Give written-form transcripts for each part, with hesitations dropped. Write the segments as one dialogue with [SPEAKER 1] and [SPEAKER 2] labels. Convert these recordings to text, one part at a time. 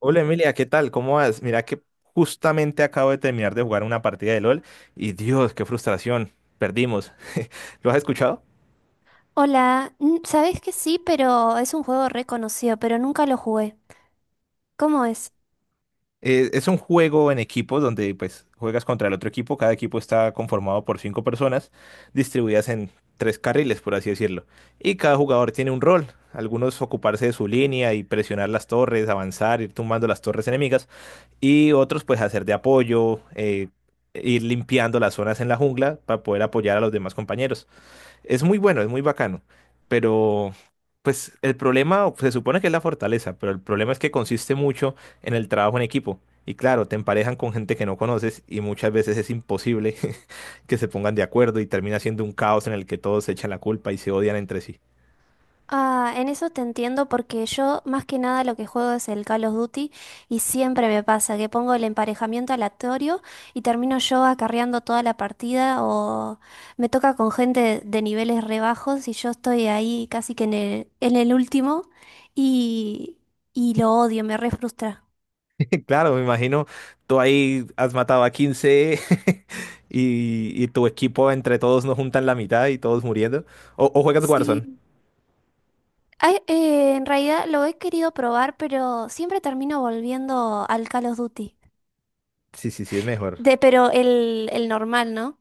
[SPEAKER 1] Hola Emilia, ¿qué tal? ¿Cómo vas? Mira que justamente acabo de terminar de jugar una partida de LOL y Dios, qué frustración, perdimos. ¿Lo has escuchado?
[SPEAKER 2] Hola, ¿sabés que sí? Pero es un juego reconocido, pero nunca lo jugué. ¿Cómo es?
[SPEAKER 1] Es un juego en equipos donde pues juegas contra el otro equipo, cada equipo está conformado por cinco personas distribuidas en tres carriles, por así decirlo, y cada jugador tiene un rol, algunos ocuparse de su línea y presionar las torres, avanzar, ir tumbando las torres enemigas y otros pues hacer de apoyo, ir limpiando las zonas en la jungla para poder apoyar a los demás compañeros. Es muy bueno, es muy bacano, pero pues el problema se supone que es la fortaleza, pero el problema es que consiste mucho en el trabajo en equipo. Y claro, te emparejan con gente que no conoces y muchas veces es imposible que se pongan de acuerdo y termina siendo un caos en el que todos se echan la culpa y se odian entre sí.
[SPEAKER 2] Ah, en eso te entiendo porque yo más que nada lo que juego es el Call of Duty y siempre me pasa que pongo el emparejamiento aleatorio y termino yo acarreando toda la partida o me toca con gente de niveles rebajos y yo estoy ahí casi que en el último y, y lo odio, me re frustra.
[SPEAKER 1] Claro, me imagino, tú ahí has matado a 15 y tu equipo entre todos no juntan la mitad y todos muriendo. O juegas Warzone.
[SPEAKER 2] Sí. Ay, en realidad lo he querido probar, pero siempre termino volviendo al Call of Duty.
[SPEAKER 1] Sí, sí, sí, es mejor.
[SPEAKER 2] Pero el normal, ¿no?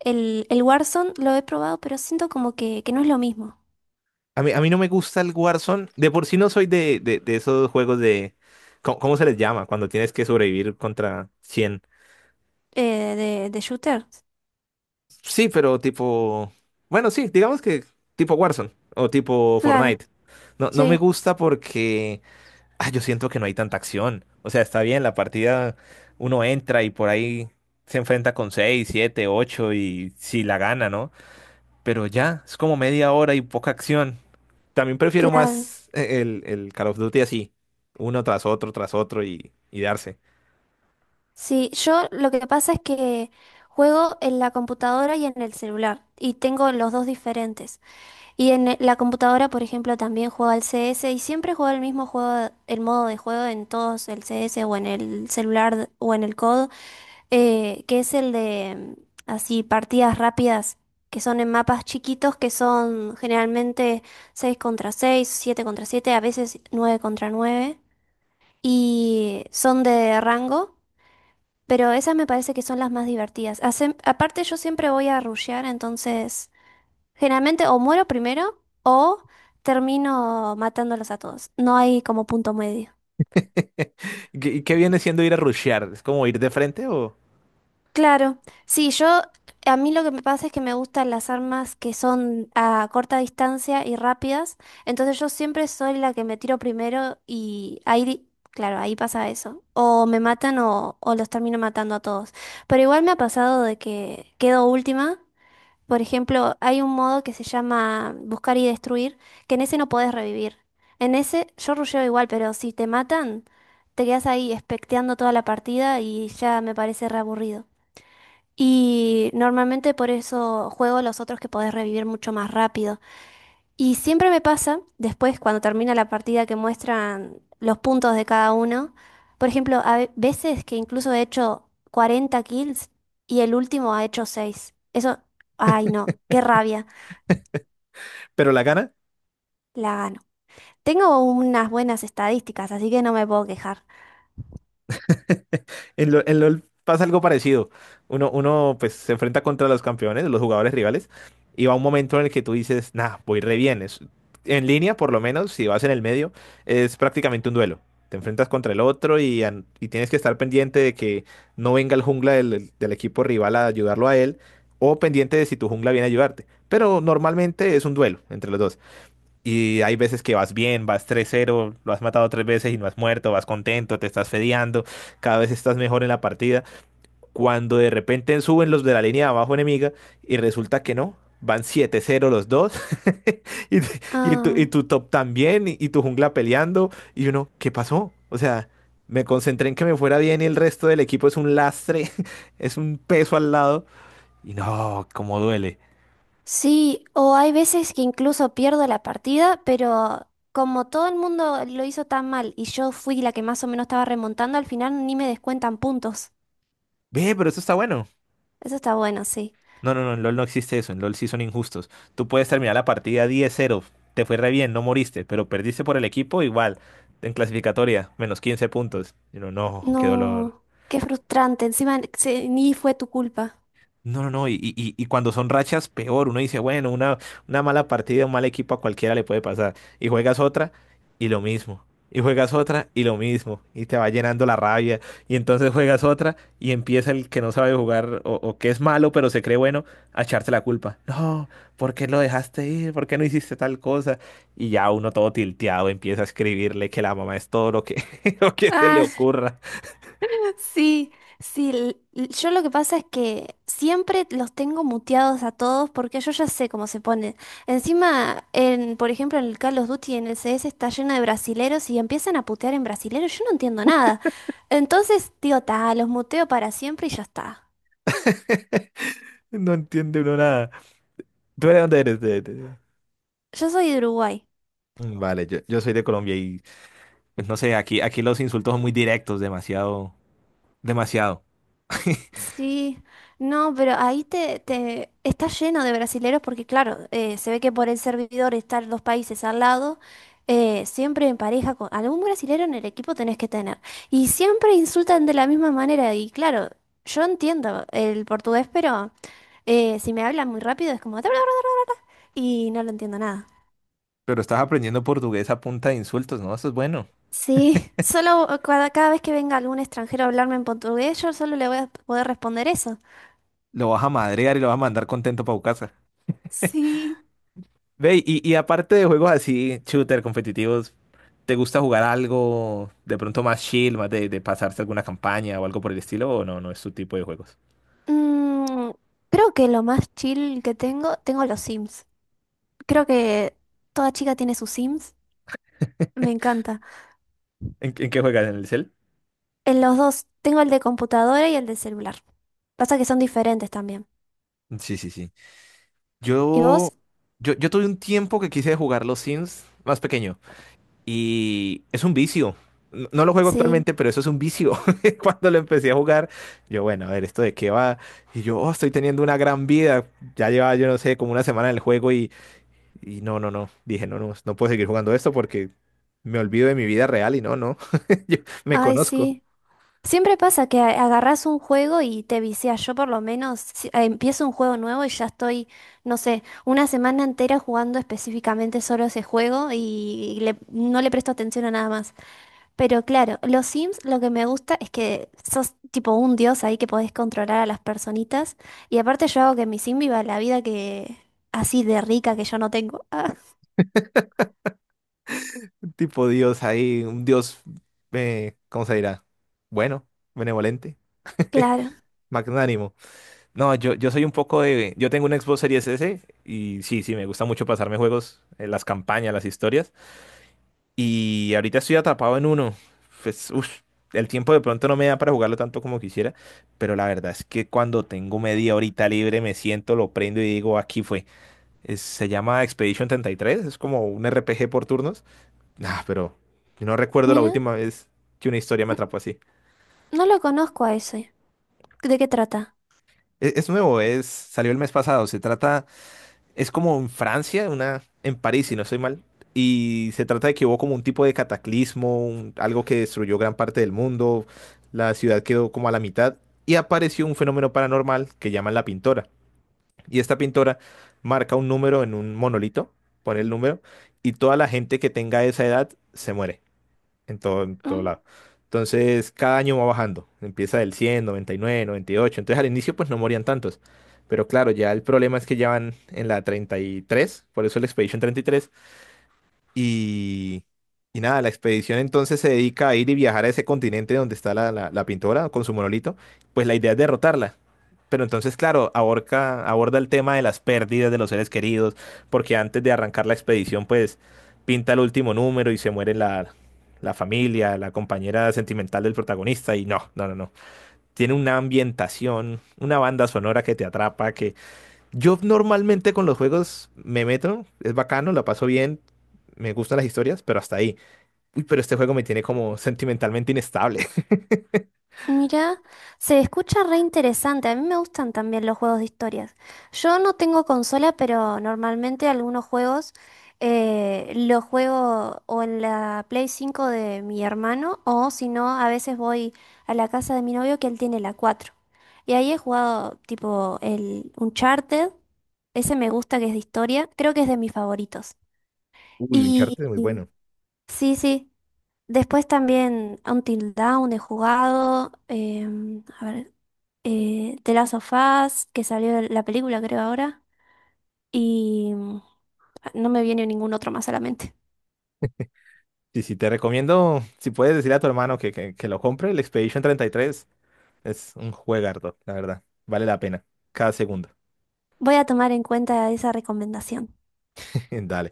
[SPEAKER 2] El Warzone lo he probado, pero siento como que no es lo mismo.
[SPEAKER 1] A mí no me gusta el Warzone. De por sí no soy de esos juegos de... ¿Cómo se les llama? Cuando tienes que sobrevivir contra 100.
[SPEAKER 2] De shooter.
[SPEAKER 1] Sí, pero tipo... Bueno, sí, digamos que tipo Warzone o tipo
[SPEAKER 2] Claro,
[SPEAKER 1] Fortnite. No, no me
[SPEAKER 2] sí,
[SPEAKER 1] gusta porque... ah, yo siento que no hay tanta acción. O sea, está bien, la partida uno entra y por ahí se enfrenta con 6, 7, 8 y si la gana, ¿no? Pero ya, es como media hora y poca acción. También prefiero
[SPEAKER 2] claro.
[SPEAKER 1] más el Call of Duty así, uno tras otro y darse.
[SPEAKER 2] Sí, yo lo que pasa es que juego en la computadora y en el celular, y tengo los dos diferentes. Y en la computadora, por ejemplo, también juego al CS y siempre juego el mismo juego, el modo de juego en todos, el CS o en el celular o en el COD, que es el de así partidas rápidas, que son en mapas chiquitos, que son generalmente 6 contra seis, 7 contra siete, a veces 9 contra nueve, y son de rango, pero esas me parece que son las más divertidas. Hacen- aparte yo siempre voy a rushear, entonces... Generalmente o muero primero o termino matándolos a todos. No hay como punto medio.
[SPEAKER 1] Y qué viene siendo ir a rushear? ¿Es como ir de frente o...?
[SPEAKER 2] Claro, sí, yo a mí lo que me pasa es que me gustan las armas que son a corta distancia y rápidas, entonces yo siempre soy la que me tiro primero y ahí, di- claro, ahí pasa eso. O me matan o los termino matando a todos. Pero igual me ha pasado de que quedo última. Por ejemplo, hay un modo que se llama buscar y destruir, que en ese no podés revivir. En ese yo rusheo igual, pero si te matan, te quedas ahí especteando toda la partida y ya me parece reaburrido. Y normalmente por eso juego los otros que podés revivir mucho más rápido. Y siempre me pasa, después cuando termina la partida que muestran los puntos de cada uno, por ejemplo, a veces que incluso he hecho 40 kills y el último ha hecho 6. Eso, ay no, qué rabia.
[SPEAKER 1] ¿Pero la gana?
[SPEAKER 2] La gano. Tengo unas buenas estadísticas, así que no me puedo quejar.
[SPEAKER 1] En LOL pasa algo parecido. Uno pues se enfrenta contra los campeones, los jugadores rivales, y va un momento en el que tú dices, nah, voy re bien. En línea, por lo menos, si vas en el medio, es prácticamente un duelo. Te enfrentas contra el otro y tienes que estar pendiente de que no venga el jungla del equipo rival a ayudarlo a él, o pendiente de si tu jungla viene a ayudarte. Pero normalmente es un duelo entre los dos. Y hay veces que vas bien, vas 3-0 lo has matado tres veces y no has muerto, vas contento, te estás fedeando, cada vez estás mejor en la partida. Cuando de repente suben los de la línea de abajo enemiga y resulta que no, van 7-0 los dos y, y tu, y
[SPEAKER 2] Ay,
[SPEAKER 1] tu top también y tu jungla peleando y uno, ¿qué pasó? O sea, me concentré en que me fuera bien y el resto del equipo es un lastre, es un peso al lado y no, cómo duele.
[SPEAKER 2] sí, o hay veces que incluso pierdo la partida, pero como todo el mundo lo hizo tan mal y yo fui la que más o menos estaba remontando, al final ni me descuentan puntos.
[SPEAKER 1] Ve, pero eso está bueno.
[SPEAKER 2] Eso está bueno, sí.
[SPEAKER 1] No, no, no, en LOL no existe eso, en LOL sí son injustos. Tú puedes terminar la partida 10-0, te fue re bien, no moriste, pero perdiste por el equipo igual, en clasificatoria, menos 15 puntos. Y uno, no, qué dolor.
[SPEAKER 2] No, qué frustrante. Encima ni fue tu culpa.
[SPEAKER 1] No, no, no, y cuando son rachas, peor. Uno dice, bueno, una mala partida, un mal equipo a cualquiera le puede pasar. Y juegas otra y lo mismo. Y juegas otra y lo mismo. Y te va llenando la rabia. Y entonces juegas otra y empieza el que no sabe jugar o que es malo, pero se cree bueno, a echarte la culpa. No, ¿por qué lo dejaste ir? ¿Por qué no hiciste tal cosa? Y ya uno todo tilteado empieza a escribirle que la mamá es todo lo que, lo que se le
[SPEAKER 2] Ah.
[SPEAKER 1] ocurra.
[SPEAKER 2] Sí, sí, yo lo que pasa es que siempre los tengo muteados a todos porque yo ya sé cómo se ponen. Encima, en, por ejemplo, en el Call of Duty, en el CS está lleno de brasileros y empiezan a putear en brasileros, yo no entiendo nada. Entonces digo, ta, los muteo para siempre y ya está.
[SPEAKER 1] No entiende uno nada. ¿Tú de dónde eres?
[SPEAKER 2] Yo soy de Uruguay.
[SPEAKER 1] Mm, vale, yo soy de Colombia y pues, no sé, aquí, aquí los insultos son muy directos, demasiado, demasiado.
[SPEAKER 2] Sí, no, pero ahí te, te está lleno de brasileros porque claro, se ve que por el servidor estar los países al lado, siempre en pareja con algún brasilero en el equipo tenés que tener. Y siempre insultan de la misma manera y claro, yo entiendo el portugués, pero si me hablan muy rápido es como... Y no lo entiendo nada.
[SPEAKER 1] Pero estás aprendiendo portugués a punta de insultos, ¿no? Eso es bueno.
[SPEAKER 2] Sí, solo cada vez que venga algún extranjero a hablarme en portugués, yo solo le voy a poder responder eso.
[SPEAKER 1] Lo vas a madrear y lo vas a mandar contento para casa.
[SPEAKER 2] Sí.
[SPEAKER 1] Ve, y aparte de juegos así, shooter, competitivos, ¿te gusta jugar algo de pronto más chill, más de pasarse alguna campaña o algo por el estilo? ¿O no? No es tu tipo de juegos.
[SPEAKER 2] Mm, Creo que lo más chill que tengo, tengo los Sims. Creo que toda chica tiene sus Sims. Me encanta.
[SPEAKER 1] En qué juegas? ¿En el cel?
[SPEAKER 2] En los dos, tengo el de computadora y el de celular. Pasa que son diferentes también.
[SPEAKER 1] Sí, sí, sí.
[SPEAKER 2] ¿Y
[SPEAKER 1] Yo,
[SPEAKER 2] vos?
[SPEAKER 1] yo tuve un tiempo que quise jugar los Sims más pequeño. Y es un vicio. No lo juego
[SPEAKER 2] Sí.
[SPEAKER 1] actualmente, pero eso es un vicio. Cuando lo empecé a jugar, yo, bueno, a ver, ¿esto de qué va? Y yo, oh, estoy teniendo una gran vida. Ya llevaba, yo no sé, como una semana en el juego y no, no, no. Dije, no, no, no puedo seguir jugando esto porque me olvido de mi vida real y no, no. Yo me
[SPEAKER 2] Ay,
[SPEAKER 1] conozco.
[SPEAKER 2] sí. Siempre pasa que agarrás un juego y te viciás. Yo por lo menos empiezo un juego nuevo y ya estoy, no sé, una semana entera jugando específicamente solo ese juego y no le presto atención a nada más. Pero claro, los Sims lo que me gusta es que sos tipo un dios ahí que podés controlar a las personitas. Y aparte yo hago que mi Sim viva la vida que así de rica que yo no tengo. Ah,
[SPEAKER 1] Un tipo Dios ahí, un Dios, ¿cómo se dirá? Bueno, benevolente,
[SPEAKER 2] claro.
[SPEAKER 1] magnánimo. No, yo soy un poco de... Yo tengo un Xbox Series S y sí, sí, me gusta mucho pasarme juegos, las campañas, las historias. Y ahorita estoy atrapado en uno. Pues, uff, el tiempo de pronto no me da para jugarlo tanto como quisiera, pero la verdad es que cuando tengo media horita libre me siento, lo prendo y digo, aquí fue. Se llama Expedition 33, es como un RPG por turnos. Ah, pero no recuerdo la
[SPEAKER 2] Mira,
[SPEAKER 1] última vez que una historia me
[SPEAKER 2] n-
[SPEAKER 1] atrapó así.
[SPEAKER 2] no lo conozco a ese. ¿De qué trata?
[SPEAKER 1] Es nuevo, es, salió el mes pasado, se trata... es como en Francia, una, en París, si no estoy mal. Y se trata de que hubo como un tipo de cataclismo, un- algo que destruyó gran parte del mundo. La ciudad quedó como a la mitad y apareció un fenómeno paranormal que llaman la pintora. Y esta pintora marca un número en un monolito, pone el número, y toda la gente que tenga esa edad se muere en todo
[SPEAKER 2] Mm.
[SPEAKER 1] lado. Entonces, cada año va bajando. Empieza del 100, 99, 98. Entonces, al inicio, pues no morían tantos. Pero claro, ya el problema es que ya van en la 33, por eso el Expedition 33, y, y nada, la expedición entonces se dedica a ir y viajar a ese continente donde está la pintora con su monolito. Pues la idea es derrotarla. Pero entonces, claro, aborda el tema de las pérdidas de los seres queridos, porque antes de arrancar la expedición, pues pinta el último número y se muere la familia, la compañera sentimental del protagonista. Y no, no, no, no. Tiene una ambientación, una banda sonora que te atrapa, que yo normalmente con los juegos me meto, es bacano, la paso bien, me gustan las historias, pero hasta ahí. Uy, pero este juego me tiene como sentimentalmente inestable.
[SPEAKER 2] Mira, se escucha re interesante. A mí me gustan también los juegos de historias. Yo no tengo consola, pero normalmente algunos juegos los juego o en la Play 5 de mi hermano, o si no, a veces voy a la casa de mi novio que él tiene la cuatro. Y ahí he jugado tipo el Uncharted. Ese me gusta que es de historia. Creo que es de mis favoritos.
[SPEAKER 1] Uy,
[SPEAKER 2] Y
[SPEAKER 1] Uncharted muy
[SPEAKER 2] y-
[SPEAKER 1] bueno.
[SPEAKER 2] sí, sí. Después también Until Dawn he jugado. A ver, The Last of Us, que salió la película, creo, ahora. Y no me viene ningún otro más a la mente.
[SPEAKER 1] Sí, sí, te recomiendo, si puedes decir a tu hermano que lo compre, el Expedition 33 es un juegardo, la verdad. Vale la pena, cada segundo.
[SPEAKER 2] Voy a tomar en cuenta esa recomendación.
[SPEAKER 1] Dale.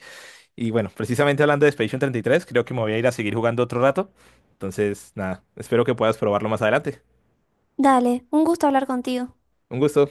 [SPEAKER 1] Y bueno, precisamente hablando de Expedition 33, creo que me voy a ir a seguir jugando otro rato. Entonces, nada, espero que puedas probarlo más adelante.
[SPEAKER 2] Dale, un gusto hablar contigo.
[SPEAKER 1] Un gusto.